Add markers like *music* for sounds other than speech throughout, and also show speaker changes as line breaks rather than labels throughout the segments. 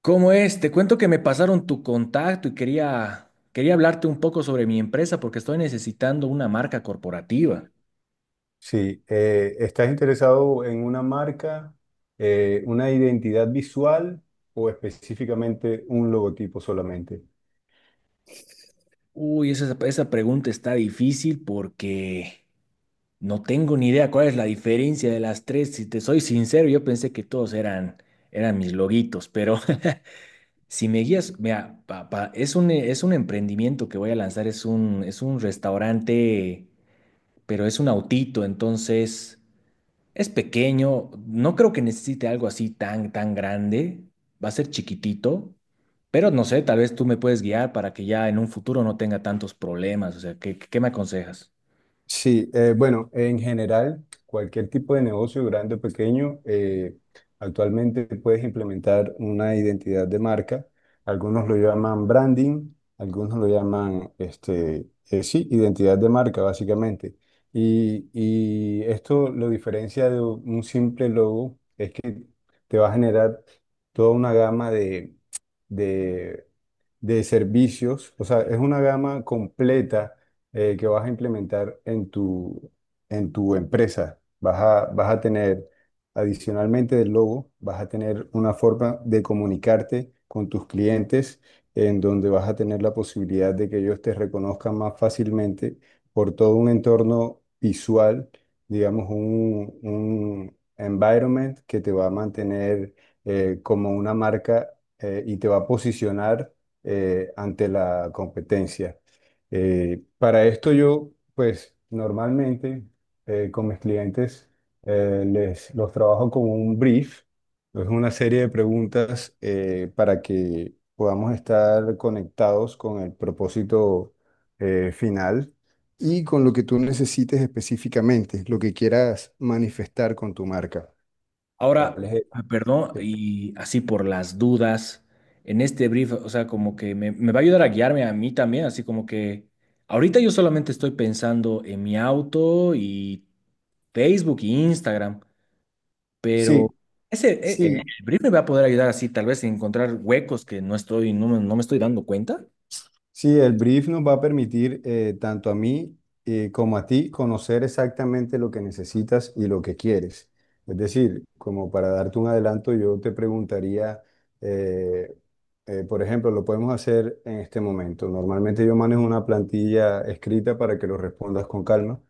¿Cómo es? Te cuento que me pasaron tu contacto y quería hablarte un poco sobre mi empresa porque estoy necesitando una marca corporativa.
Sí, ¿estás interesado en una marca, una identidad visual o específicamente un logotipo solamente?
Uy, esa pregunta está difícil porque no tengo ni idea cuál es la diferencia de las tres. Si te soy sincero, yo pensé que todos eran mis loguitos, pero *laughs* si me guías, mira, es un emprendimiento que voy a lanzar, es un restaurante, pero es un autito, entonces. Es pequeño, no creo que necesite algo así tan grande. Va a ser chiquitito, pero no sé, tal vez tú me puedes guiar para que ya en un futuro no tenga tantos problemas. O sea, ¿qué me aconsejas?
Sí, bueno, en general, cualquier tipo de negocio, grande o pequeño, actualmente puedes implementar una identidad de marca. Algunos lo llaman branding, algunos lo llaman, este, sí, identidad de marca, básicamente. Y esto lo diferencia de un simple logo, es que te va a generar toda una gama de de servicios, o sea, es una gama completa que vas a implementar en en tu empresa. Vas a tener, adicionalmente del logo, vas a tener una forma de comunicarte con tus clientes, en donde vas a tener la posibilidad de que ellos te reconozcan más fácilmente por todo un entorno visual, digamos, un environment que te va a mantener como una marca y te va a posicionar ante la competencia. Para esto yo, pues normalmente con mis clientes los trabajo con un brief, es una serie de preguntas para que podamos estar conectados con el propósito final y con lo que tú necesites específicamente, lo que quieras manifestar con tu marca.
Ahora,
¿Cuál es el-
ah, perdón,
Sí,
y así por las dudas, en este brief, o sea, como que me va a ayudar a guiarme a mí también, así como que ahorita yo solamente estoy pensando en mi auto y Facebook e Instagram. Pero
sí, sí.
el brief me va a poder ayudar así, tal vez, a encontrar huecos que no estoy, no, me no me estoy dando cuenta.
Sí, el brief nos va a permitir tanto a mí como a ti conocer exactamente lo que necesitas y lo que quieres. Es decir, como para darte un adelanto, yo te preguntaría, eh, por ejemplo, lo podemos hacer en este momento. Normalmente yo manejo una plantilla escrita para que lo respondas con calma,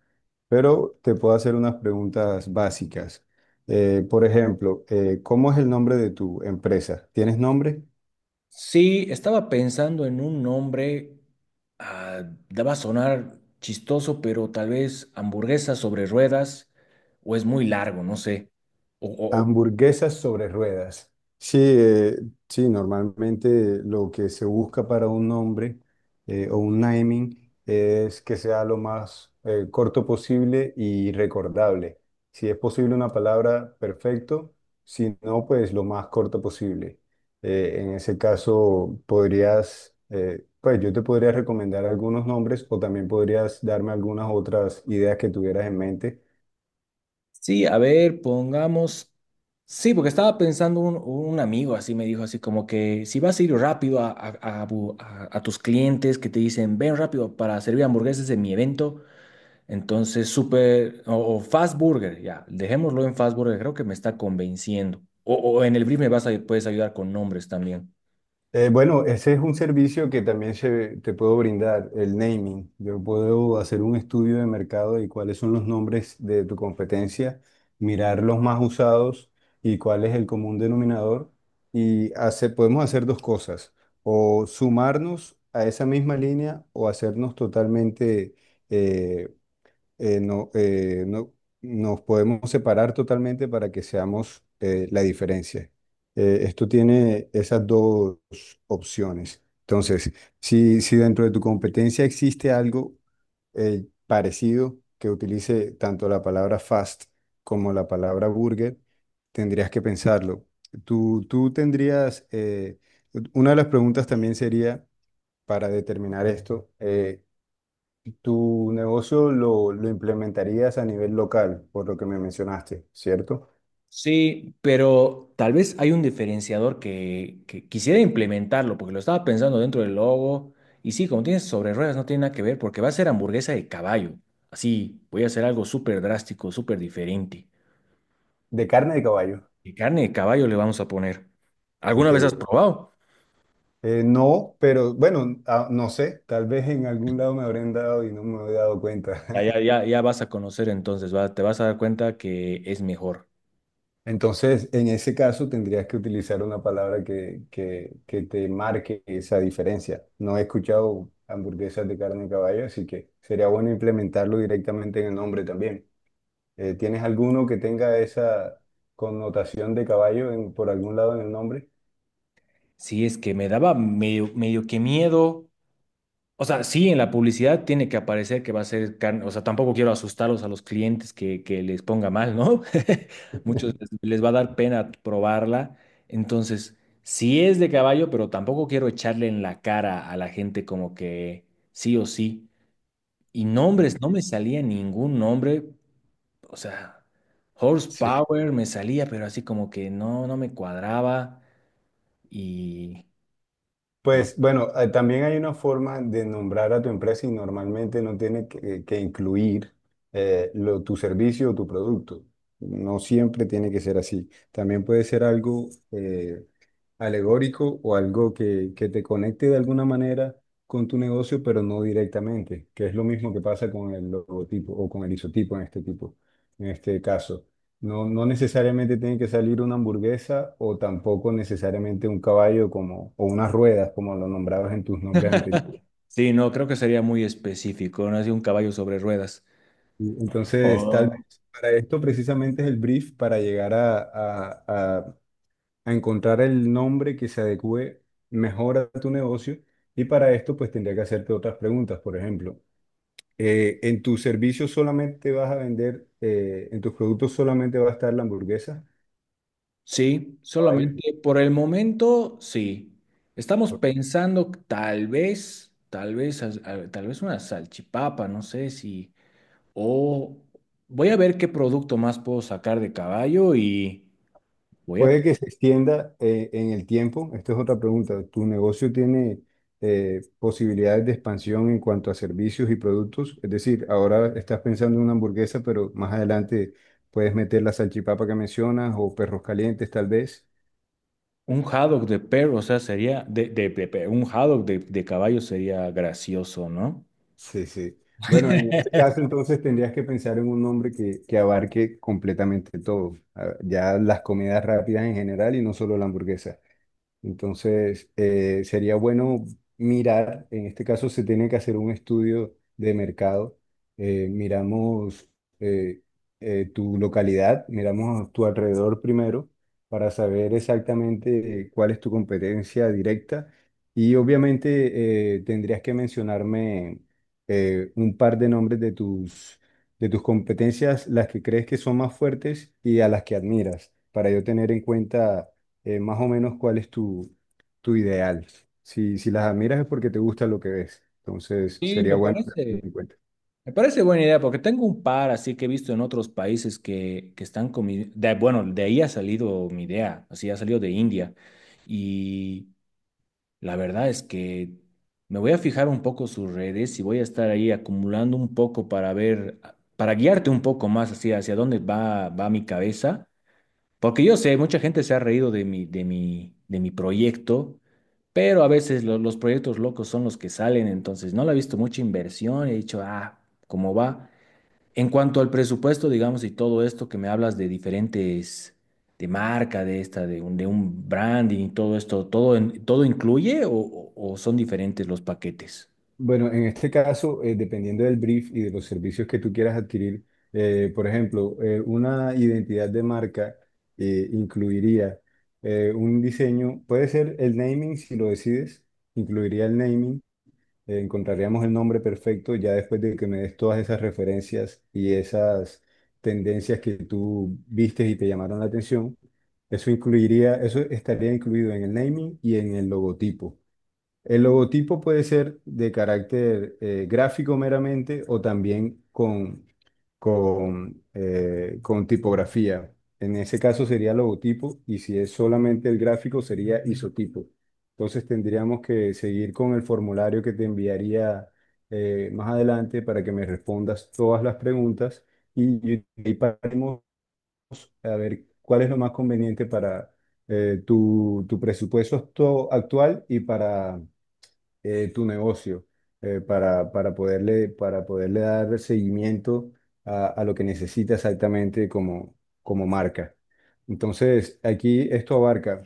pero te puedo hacer unas preguntas básicas. Por ejemplo, ¿cómo es el nombre de tu empresa? ¿Tienes nombre?
Sí, estaba pensando en un nombre, ah, daba a sonar chistoso, pero tal vez hamburguesa sobre ruedas, o es muy largo, no sé. O, o- o-
Hamburguesas sobre ruedas. Sí, sí, normalmente lo que se busca para un nombre o un naming es que sea lo más corto posible y recordable. Si es posible una palabra, perfecto. Si no, pues lo más corto posible. En ese caso, podrías, pues yo te podría recomendar algunos nombres o también podrías darme algunas otras ideas que tuvieras en mente.
sí, a ver, pongamos. Sí, porque estaba pensando un amigo así me dijo así como que si vas a ir rápido a tus clientes que te dicen ven rápido para servir hamburguesas en mi evento. Entonces, super o Fast Burger, ya, dejémoslo en Fast Burger, creo que me está convenciendo. O en el brief me vas a, puedes ayudar con nombres también.
Bueno, ese es un servicio que también te puedo brindar, el naming. Yo puedo hacer un estudio de mercado y cuáles son los nombres de tu competencia, mirar los más usados y cuál es el común denominador. Y hacer, podemos hacer dos cosas, o sumarnos a esa misma línea o hacernos totalmente eh, eh, no, eh, no- nos podemos separar totalmente para que seamos la diferencia. Esto tiene esas dos opciones. Entonces, si dentro de tu competencia existe algo parecido que utilice tanto la palabra fast como la palabra burger, tendrías que pensarlo. Tú tendrías, una de las preguntas también sería, para determinar esto, tu negocio lo implementarías a nivel local, por lo que me mencionaste, ¿cierto?
Sí, pero tal vez hay un diferenciador que quisiera implementarlo, porque lo estaba pensando dentro del logo. Y sí, como tienes sobre ruedas, no tiene nada que ver, porque va a ser hamburguesa de caballo. Así, voy a hacer algo súper drástico, súper diferente.
De carne de caballo.
¿Qué carne de caballo le vamos a poner? ¿Alguna
Ok.
vez has probado?
No, pero bueno, ah, no sé, tal vez en algún lado me habrán dado y no me he dado cuenta.
Ya, ya,
*laughs*
ya, ya vas a conocer entonces, va, te vas a dar cuenta que es mejor.
Entonces, en ese caso tendrías que utilizar una palabra que te marque esa diferencia. No he escuchado hamburguesas de carne de caballo, así que sería bueno implementarlo directamente en el nombre también. ¿Tienes alguno que tenga esa connotación de caballo en- por algún lado en el nombre?
Sí, es que me daba medio, medio que miedo. O sea, sí, en la publicidad tiene que aparecer que va a ser carne. O sea, tampoco quiero asustarlos a los clientes que les ponga mal, ¿no? *laughs* Muchos les, les va a dar pena probarla. Entonces, sí es de caballo, pero tampoco quiero echarle en la cara a la gente como que sí o sí. Y nombres, no me salía ningún nombre. O sea,
Sí.
horsepower me salía, pero así como que no, no me cuadraba. Y.
Pues bueno, también hay una forma de nombrar a tu empresa y normalmente no tiene que incluir tu servicio o tu producto. No siempre tiene que ser así. También puede ser algo alegórico o algo que te conecte de alguna manera con tu negocio, pero no directamente, que es lo mismo que pasa con el logotipo o con el isotipo en este tipo, en este caso. No necesariamente tiene que salir una hamburguesa o tampoco necesariamente un caballo como, o unas ruedas, como lo nombrabas en tus nombres anteriores.
Sí, no, creo que sería muy específico, no así un caballo sobre ruedas.
Entonces, tal
O
vez para esto precisamente es el brief para llegar a, a encontrar el nombre que se adecue mejor a tu negocio y para esto pues tendría que hacerte otras preguntas. Por ejemplo, ¿en tus servicios solamente vas a vender, en tus productos solamente va a estar la hamburguesa?
sí,
Caballo.
solamente por el momento, sí. Estamos
Ok.
pensando tal vez, tal vez una salchipapa, no sé si, o voy a ver qué producto más puedo sacar de caballo y voy a
Puede que se extienda en el tiempo. Esta es otra pregunta. ¿Tu negocio tiene posibilidades de expansión en cuanto a servicios y productos? Es decir, ahora estás pensando en una hamburguesa, pero más adelante puedes meter la salchipapa que mencionas o perros calientes tal vez.
un haddock de perro, o sea, sería un haddock de caballo sería gracioso, ¿no?
Sí, sí. Bueno, en
*laughs*
este caso entonces tendrías que pensar en un nombre que abarque completamente todo, a- ya las comidas rápidas en general y no solo la hamburguesa. Entonces, sería bueno mirar, en este caso se tiene que hacer un estudio de mercado. Miramos eh, tu localidad, miramos a tu alrededor primero para saber exactamente cuál es tu competencia directa. Y obviamente tendrías que mencionarme un par de nombres de de tus competencias, las que crees que son más fuertes y a las que admiras, para yo tener en cuenta más o menos cuál es tu ideal. Si las admiras es porque te gusta lo que ves. Entonces,
Sí,
sería
me
bueno
parece.
tener en cuenta.
Me parece buena idea porque tengo un par así que he visto en otros países que están con mi- de- bueno, de ahí ha salido mi idea, así ha salido de India. Y la verdad es que me voy a fijar un poco sus redes y voy a estar ahí acumulando un poco para ver, para guiarte un poco más así hacia dónde va mi cabeza. Porque yo sé, mucha gente se ha reído de mi proyecto. Pero a veces los proyectos locos son los que salen, entonces no le he visto mucha inversión, he dicho, ah, ¿cómo va? En cuanto al presupuesto, digamos, y todo esto que me hablas de diferentes, de marca, de esta, de un branding y todo esto, ¿todo, todo incluye o, o son diferentes los paquetes?
Bueno, en este caso, dependiendo del brief y de los servicios que tú quieras adquirir, por ejemplo, una identidad de marca incluiría un diseño, puede ser el naming si lo decides, incluiría el naming encontraríamos el nombre perfecto ya después de que me des todas esas referencias y esas tendencias que tú vistes y te llamaron la atención. Eso incluiría, eso estaría incluido en el naming y en el logotipo. El logotipo puede ser de carácter gráfico meramente o también con tipografía. En ese caso sería logotipo y si es solamente el gráfico sería isotipo. Entonces tendríamos que seguir con el formulario que te enviaría más adelante para que me respondas todas las preguntas y paremos a ver cuál es lo más conveniente para tu presupuesto actual y para tu negocio para poderle dar seguimiento a lo que necesita exactamente como, como marca. Entonces, aquí esto abarca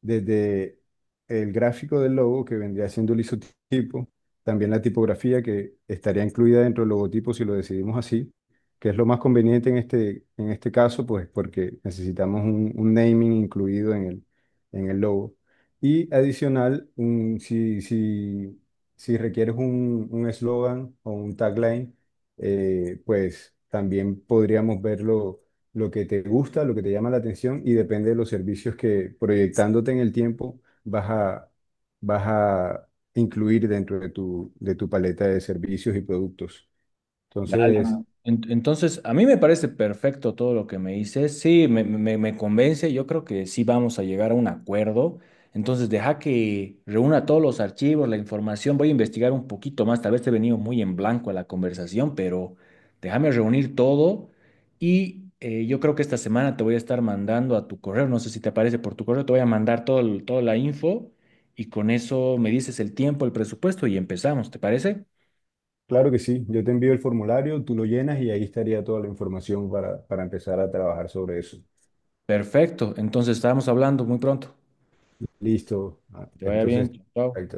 desde el gráfico del logo, que vendría siendo el isotipo, también la tipografía, que estaría incluida dentro del logotipo si lo decidimos así, que es lo más conveniente en este caso, pues porque necesitamos un naming incluido en el logo y adicional, si requieres un eslogan o un tagline, pues también podríamos ver lo que te gusta, lo que te llama la atención y depende de los servicios que proyectándote en el tiempo vas vas a incluir dentro de de tu paleta de servicios y productos. Entonces,
Dale. Entonces, a mí me parece perfecto todo lo que me dices. Sí, me convence. Yo creo que sí vamos a llegar a un acuerdo. Entonces, deja que reúna todos los archivos, la información. Voy a investigar un poquito más. Tal vez te he venido muy en blanco a la conversación, pero déjame reunir todo. Y yo creo que esta semana te voy a estar mandando a tu correo. No sé si te aparece por tu correo. Te voy a mandar todo, toda la info. Y con eso me dices el tiempo, el presupuesto y empezamos. ¿Te parece?
claro que sí, yo te envío el formulario, tú lo llenas y ahí estaría toda la información para empezar a trabajar sobre eso.
Perfecto. Entonces, estábamos hablando muy pronto.
Listo. Ah,
Que te vaya bien.
entonces,
Chao.
ahí